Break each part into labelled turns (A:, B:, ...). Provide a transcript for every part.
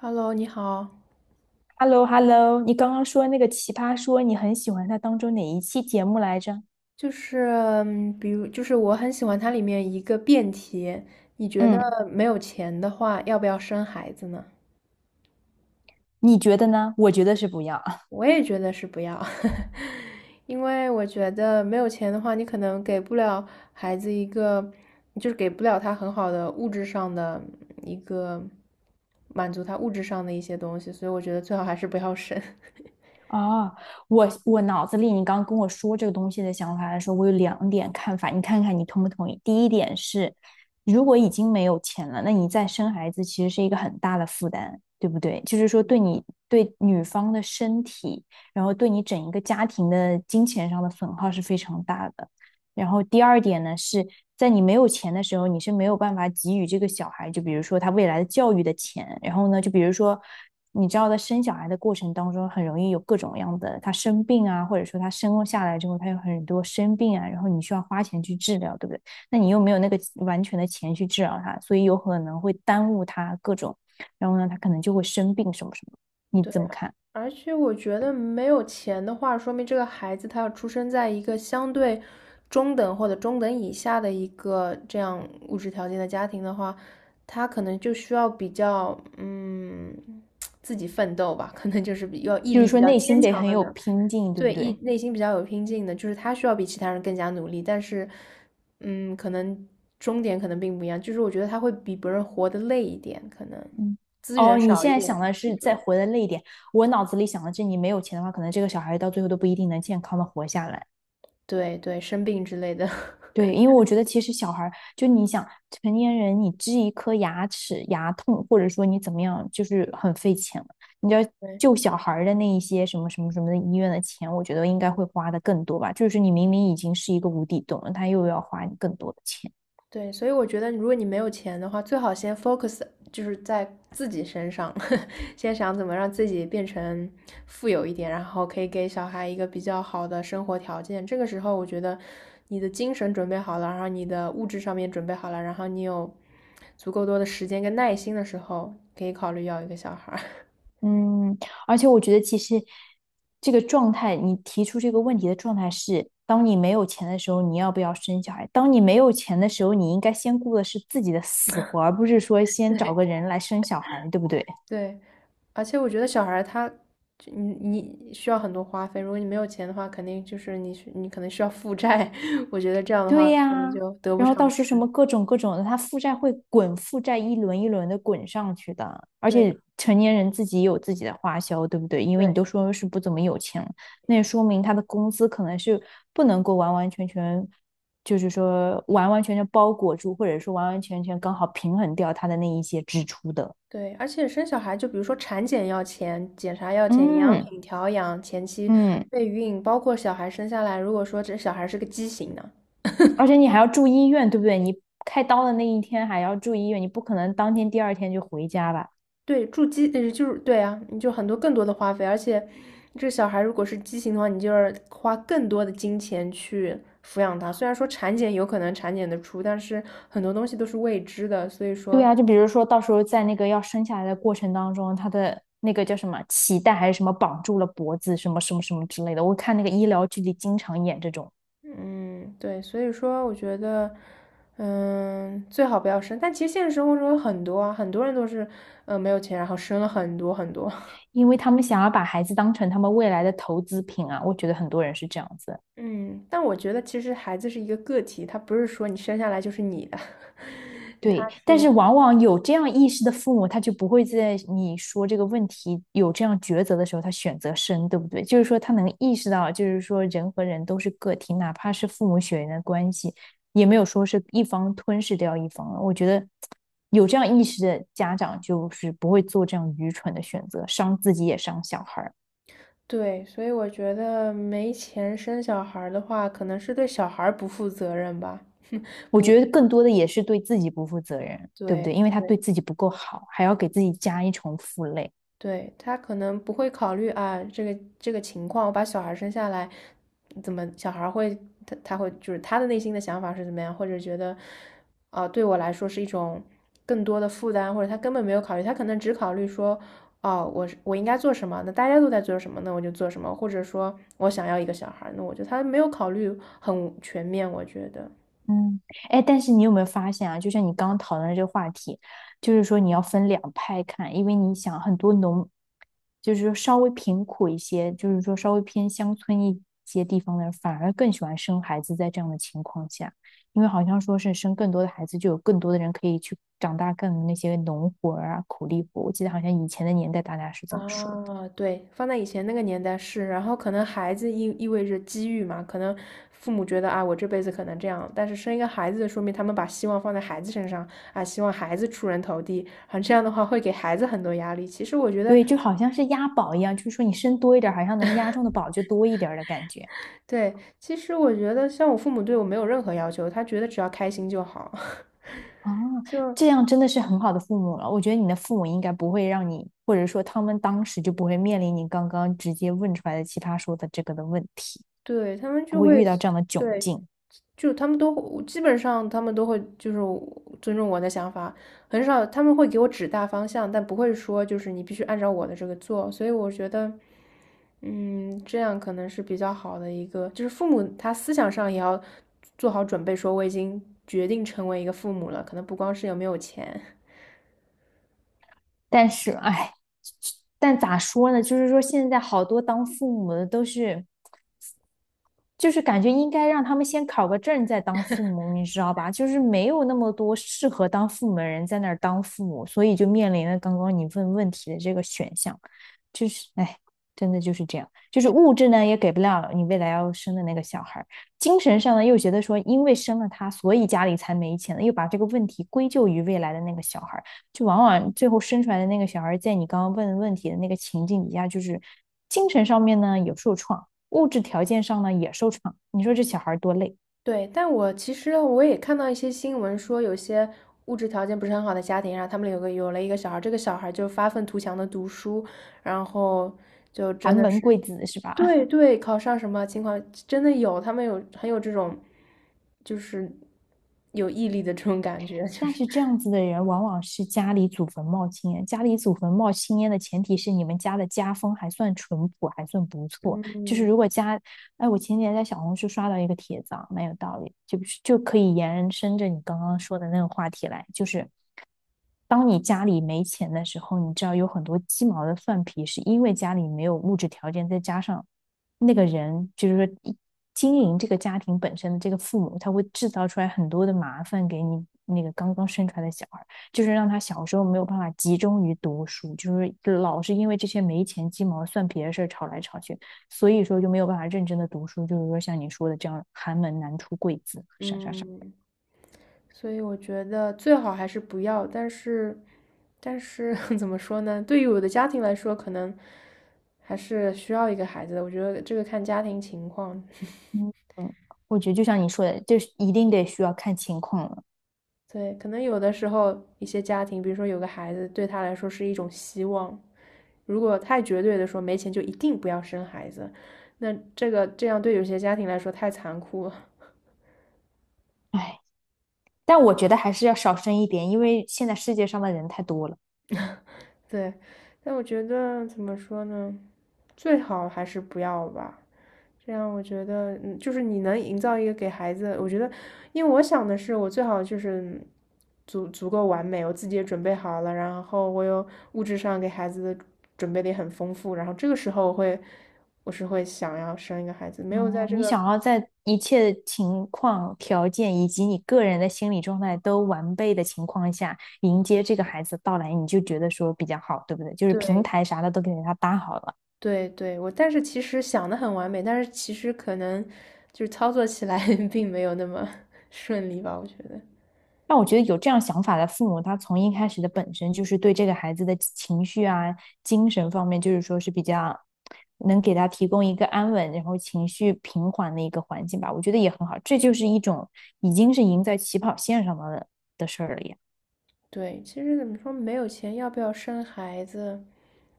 A: Hello，你好，
B: Hello, hello, 你刚刚说那个《奇葩说》，你很喜欢它当中哪一期节目来着？
A: 就是比如就是我很喜欢它里面一个辩题，你觉得
B: 嗯，
A: 没有钱的话，要不要生孩子呢？
B: 你觉得呢？我觉得是不要。
A: 我也觉得是不要，因为我觉得没有钱的话，你可能给不了孩子一个，就是给不了他很好的物质上的一个满足他物质上的一些东西，所以我觉得最好还是不要生。
B: 哦，我脑子里你刚跟我说这个东西的想法来说，我有两点看法，你看看你同不同意？第一点是，如果已经没有钱了，那你再生孩子其实是一个很大的负担，对不对？就是说对你对女方的身体，然后对你整一个家庭的金钱上的损耗是非常大的。然后第二点呢是，在你没有钱的时候，你是没有办法给予这个小孩，就比如说他未来的教育的钱。然后呢，就比如说，你知道在生小孩的过程当中，很容易有各种样的，他生病啊，或者说他生下来之后，他有很多生病啊，然后你需要花钱去治疗，对不对？那你又没有那个完全的钱去治疗他，所以有可能会耽误他各种，然后呢，他可能就会生病什么什么。你
A: 对。
B: 怎么看？
A: 而且我觉得没有钱的话，说明这个孩子他要出生在一个相对中等或者中等以下的一个这样物质条件的家庭的话，他可能就需要比较自己奋斗吧，可能就是比要毅
B: 就是
A: 力比
B: 说
A: 较
B: 内
A: 坚
B: 心得
A: 强
B: 很
A: 的
B: 有
A: 呢，
B: 拼劲，对
A: 对，
B: 不
A: 意
B: 对？
A: 内心比较有拼劲的，就是他需要比其他人更加努力，但是可能终点可能并不一样，就是我觉得他会比别人活得累一点，可能
B: 嗯，
A: 资源
B: 哦，你
A: 少
B: 现
A: 一
B: 在
A: 点，
B: 想的
A: 或
B: 是再
A: 者。
B: 活得累一点，我脑子里想的是你没有钱的话，可能这个小孩到最后都不一定能健康的活下来。
A: 对对，生病之类的，
B: 对，因为我觉得其实小孩儿，就你想成年人，你治一颗牙齿牙痛，或者说你怎么样，就是很费钱了。你要
A: 对
B: 救小孩儿的那一些什么什么什么的医院的钱，我觉得应该会花的更多吧。就是你明明已经是一个无底洞了，他又要花你更多的钱。
A: 对，所以我觉得，如果你没有钱的话，最好先 focus 就是在自己身上，先想怎么让自己变成富有一点，然后可以给小孩一个比较好的生活条件。这个时候，我觉得你的精神准备好了，然后你的物质上面准备好了，然后你有足够多的时间跟耐心的时候，可以考虑要一个小孩。
B: 嗯，而且我觉得其实这个状态，你提出这个问题的状态是：当你没有钱的时候，你要不要生小孩？当你没有钱的时候，你应该先顾的是自己的死活，而不是说先找
A: 对，
B: 个人来生小孩，对不对？
A: 对，而且我觉得小孩儿他，就你你需要很多花费，如果你没有钱的话，肯定就是你需你可能需要负债，我觉得这样的话
B: 对
A: 可能
B: 呀，
A: 就得不
B: 然后到
A: 偿
B: 时候什么
A: 失。
B: 各种各种的，他负债会滚，负债一轮一轮的滚上去的。而且
A: 对
B: 成年人自己也有自己的花销，对不对？因为
A: 对
B: 你都说是不怎么有钱了，那也说明他的工资可能是不能够完完全全，就是说完完全全包裹住，或者说完完全全刚好平衡掉他的那一些支出的。
A: 对，而且生小孩就比如说产检要钱，检查要钱，营养
B: 嗯
A: 品调养、前期
B: 嗯，
A: 备孕，包括小孩生下来，如果说这小孩是个畸形呢，
B: 而且你还要住医院，对不对？你开刀的那一天还要住医院，你不可能当天第二天就回家吧？
A: 对，住基呃，就是对啊，你就更多的花费，而且这小孩如果是畸形的话，你就要花更多的金钱去抚养他。虽然说产检有可能产检得出，但是很多东西都是未知的，所以
B: 对
A: 说，
B: 啊，就比如说到时候在那个要生下来的过程当中，他的那个叫什么脐带还是什么绑住了脖子，什么什么什么之类的。我看那个医疗剧里经常演这种，
A: 嗯，对，所以说我觉得，嗯，最好不要生。但其实现实生活中有很多啊，很多人都是，没有钱，然后生了很多很多。
B: 因为他们想要把孩子当成他们未来的投资品啊，我觉得很多人是这样子。
A: 嗯，但我觉得其实孩子是一个个体，他不是说你生下来就是你的，
B: 对，
A: 他是
B: 但是往往有这样意识的父母，他就不会在你说这个问题有这样抉择的时候，他选择生，对不对？就是说，他能意识到，就是说，人和人都是个体，哪怕是父母血缘的关系，也没有说是一方吞噬掉一方了。我觉得有这样意识的家长，就是不会做这样愚蠢的选择，伤自己也伤小孩儿。
A: 对，所以我觉得没钱生小孩儿的话，可能是对小孩儿不负责任吧。
B: 我
A: 不，
B: 觉得更多的也是对自己不负责任，对不对？
A: 对。
B: 因为他对自己不够好，还要给自己加一重负累。
A: 对，他可能不会考虑啊，这个情况，我把小孩生下来，怎么小孩会他他会就是他的内心的想法是怎么样，或者觉得，啊、对我来说是一种更多的负担，或者他根本没有考虑，他可能只考虑说，哦，我应该做什么，那大家都在做什么，那我就做什么，或者说我想要一个小孩那我就他没有考虑很全面，我觉得，
B: 嗯，哎，但是你有没有发现啊？就像你刚刚讨论的这个话题，就是说你要分两派看，因为你想很多农，就是说稍微贫苦一些，就是说稍微偏乡村一些地方的人，反而更喜欢生孩子，在这样的情况下，因为好像说是生更多的孩子，就有更多的人可以去长大更那些农活儿啊、苦力活。我记得好像以前的年代大家是这么说的，
A: 啊，对，放在以前那个年代是，然后可能孩子味着机遇嘛，可能父母觉得啊，我这辈子可能这样，但是生一个孩子，说明他们把希望放在孩子身上啊，希望孩子出人头地，啊，这样的话会给孩子很多压力。其实我觉得，
B: 对，就好像是押宝一样，就是说你生多一点儿，好像能押中的宝就多一点儿的感觉。
A: 对，其实我觉得像我父母对我没有任何要求，他觉得只要开心就好，
B: 啊，
A: 就
B: 这样真的是很好的父母了。我觉得你的父母应该不会让你，或者说他们当时就不会面临你刚刚直接问出来的奇葩说的这个的问题，
A: 对，他们
B: 不
A: 就
B: 会
A: 会，
B: 遇到这样的窘
A: 对，
B: 境。
A: 就他们都会基本上他们都会就是尊重我的想法，很少他们会给我指大方向，但不会说就是你必须按照我的这个做，所以我觉得，嗯，这样可能是比较好的一个，就是父母他思想上也要做好准备，说我已经决定成为一个父母了，可能不光是有没有钱，
B: 但是，哎，但咋说呢？就是说现在好多当父母的都是。就是感觉应该让他们先考个证再当父母，你知道吧？就是没有那么多适合当父母的人在那儿当父母，所以就面临了刚刚你问问题的这个选项，就是哎，真的就是这样，就是物质呢也给不了你未来要生的那个小孩儿，精神上呢又觉得说因为生了他，所以家里才没钱了，又把这个问题归咎于未来的那个小孩儿，就往往最后生出来的那个小孩儿在你刚刚问的问题的那个情境底下，就是精神上面呢有受创。物质条件上呢也受创。你说这小孩多累，
A: 对，但我其实我也看到一些新闻说，有些物质条件不是很好的家庭，然后他们有了一个小孩，这个小孩就发愤图强的读书，然后就
B: 寒
A: 真的
B: 门
A: 是，
B: 贵子是吧？
A: 对 对，考上什么情况真的有，他们有很有这种，就是有毅力的这种感觉，就
B: 但
A: 是，
B: 是这样子的人往往是家里祖坟冒青烟，家里祖坟冒青烟的前提是你们家的家风还算淳朴，还算不错。就是
A: 嗯
B: 如果家，哎，我前几天在小红书刷到一个帖子啊，蛮有道理，就可以延伸着你刚刚说的那个话题来，就是当你家里没钱的时候，你知道有很多鸡毛的蒜皮，是因为家里没有物质条件，再加上那个人，就是说经营这个家庭本身的这个父母，他会制造出来很多的麻烦给你那个刚刚生出来的小孩，就是让他小时候没有办法集中于读书，就是老是因为这些没钱鸡毛蒜皮的事儿吵来吵去，所以说就没有办法认真的读书，就是说像你说的这样寒门难出贵子，啥啥啥。
A: 嗯。所以我觉得最好还是不要，但是，但是 怎么说呢？对于我的家庭来说，可能还是需要一个孩子的。我觉得这个看家庭情况，
B: 嗯嗯，我觉得就像你说的，就是一定得需要看情况了。
A: 对，可能有的时候一些家庭，比如说有个孩子，对他来说是一种希望。如果太绝对的说没钱就一定不要生孩子，那这样对有些家庭来说太残酷了。
B: 哎，但我觉得还是要少生一点，因为现在世界上的人太多了。
A: 对，但我觉得怎么说呢？最好还是不要吧。这样我觉得，嗯，就是你能营造一个给孩子，我觉得，因为我想的是，我最好就是足够完美，我自己也准备好了，然后我有物质上给孩子的准备的也很丰富，然后这个时候我会，我是会想要生一个孩子，没有在
B: 哦，
A: 这
B: 你
A: 个，
B: 想要在一切情况、条件以及你个人的心理状态都完备的情况下，迎接这个孩子的到来，你就觉得说比较好，对不对？就是平
A: 对
B: 台啥的都给他搭好了。
A: 对对，我但是其实想的很完美，但是其实可能就是操作起来 并没有那么 顺利吧，我觉得，
B: 但我觉得有这样想法的父母，他从一开始的本身就是对这个孩子的情绪啊、精神方面，就是说是比较能给他提供一个安稳，然后情绪平缓的一个环境吧。我觉得也很好，这就是一种已经是赢在起跑线上的的事儿了。
A: 对，其实怎么说，没有钱要不要生孩子？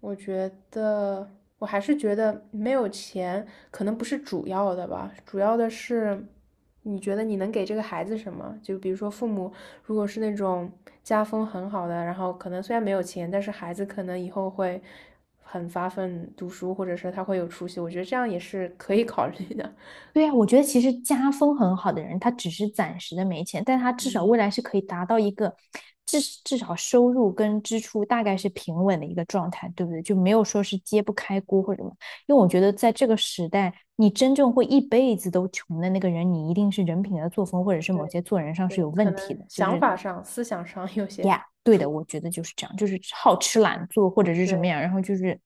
A: 我觉得我还是觉得没有钱可能不是主要的吧，主要的是你觉得你能给这个孩子什么？就比如说父母如果是那种家风很好的，然后可能虽然没有钱，但是孩子可能以后会很发奋读书，或者是他会有出息，我觉得这样也是可以考虑的。
B: 对呀，我觉得其实家风很好的人，他只是暂时的没钱，但他至少未来是可以达到一个至少收入跟支出大概是平稳的一个状态，对不对？就没有说是揭不开锅或者什么。因为我觉得在这个时代，你真正会一辈子都穷的那个人，你一定是人品的作风或者是
A: 对
B: 某些做人上
A: 对
B: 是有
A: 可
B: 问题
A: 能
B: 的，就
A: 想
B: 是
A: 法上、思想上有
B: 呀，
A: 些
B: 对
A: 出
B: 的，我
A: 入
B: 觉得就是这样，就是好吃懒做或者是什么样，
A: 对
B: 然后就是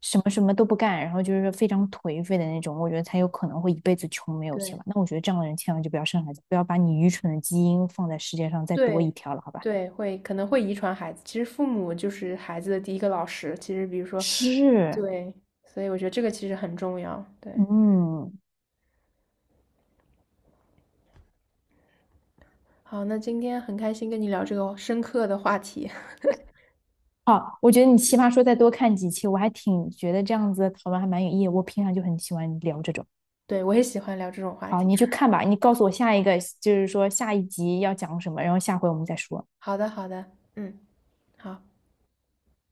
B: 什么什么都不干，然后就是非常颓废的那种，我觉得才有可能会一辈子穷没有钱
A: 对。
B: 吧。那我觉得这样的人千万就不要生孩子，不要把你愚蠢的基因放在世界上再多一
A: 对，
B: 条了，好吧？
A: 对，会可能会遗传孩子。其实父母就是孩子的第一个老师。其实比如说，
B: 是，
A: 对，所以我觉得这个其实很重要。对，
B: 嗯，
A: 好，那今天很开心跟你聊这个深刻的话题。
B: 好，我觉得你奇葩说再多看几期，我还挺觉得这样子的讨论还蛮有意义的，我平常就很喜欢聊这种。
A: 对，我也喜欢聊这种话
B: 好，
A: 题。
B: 你去看吧，你告诉我下一个，就是说下一集要讲什么，然后下回我们再说。
A: 好的，好的，嗯，好。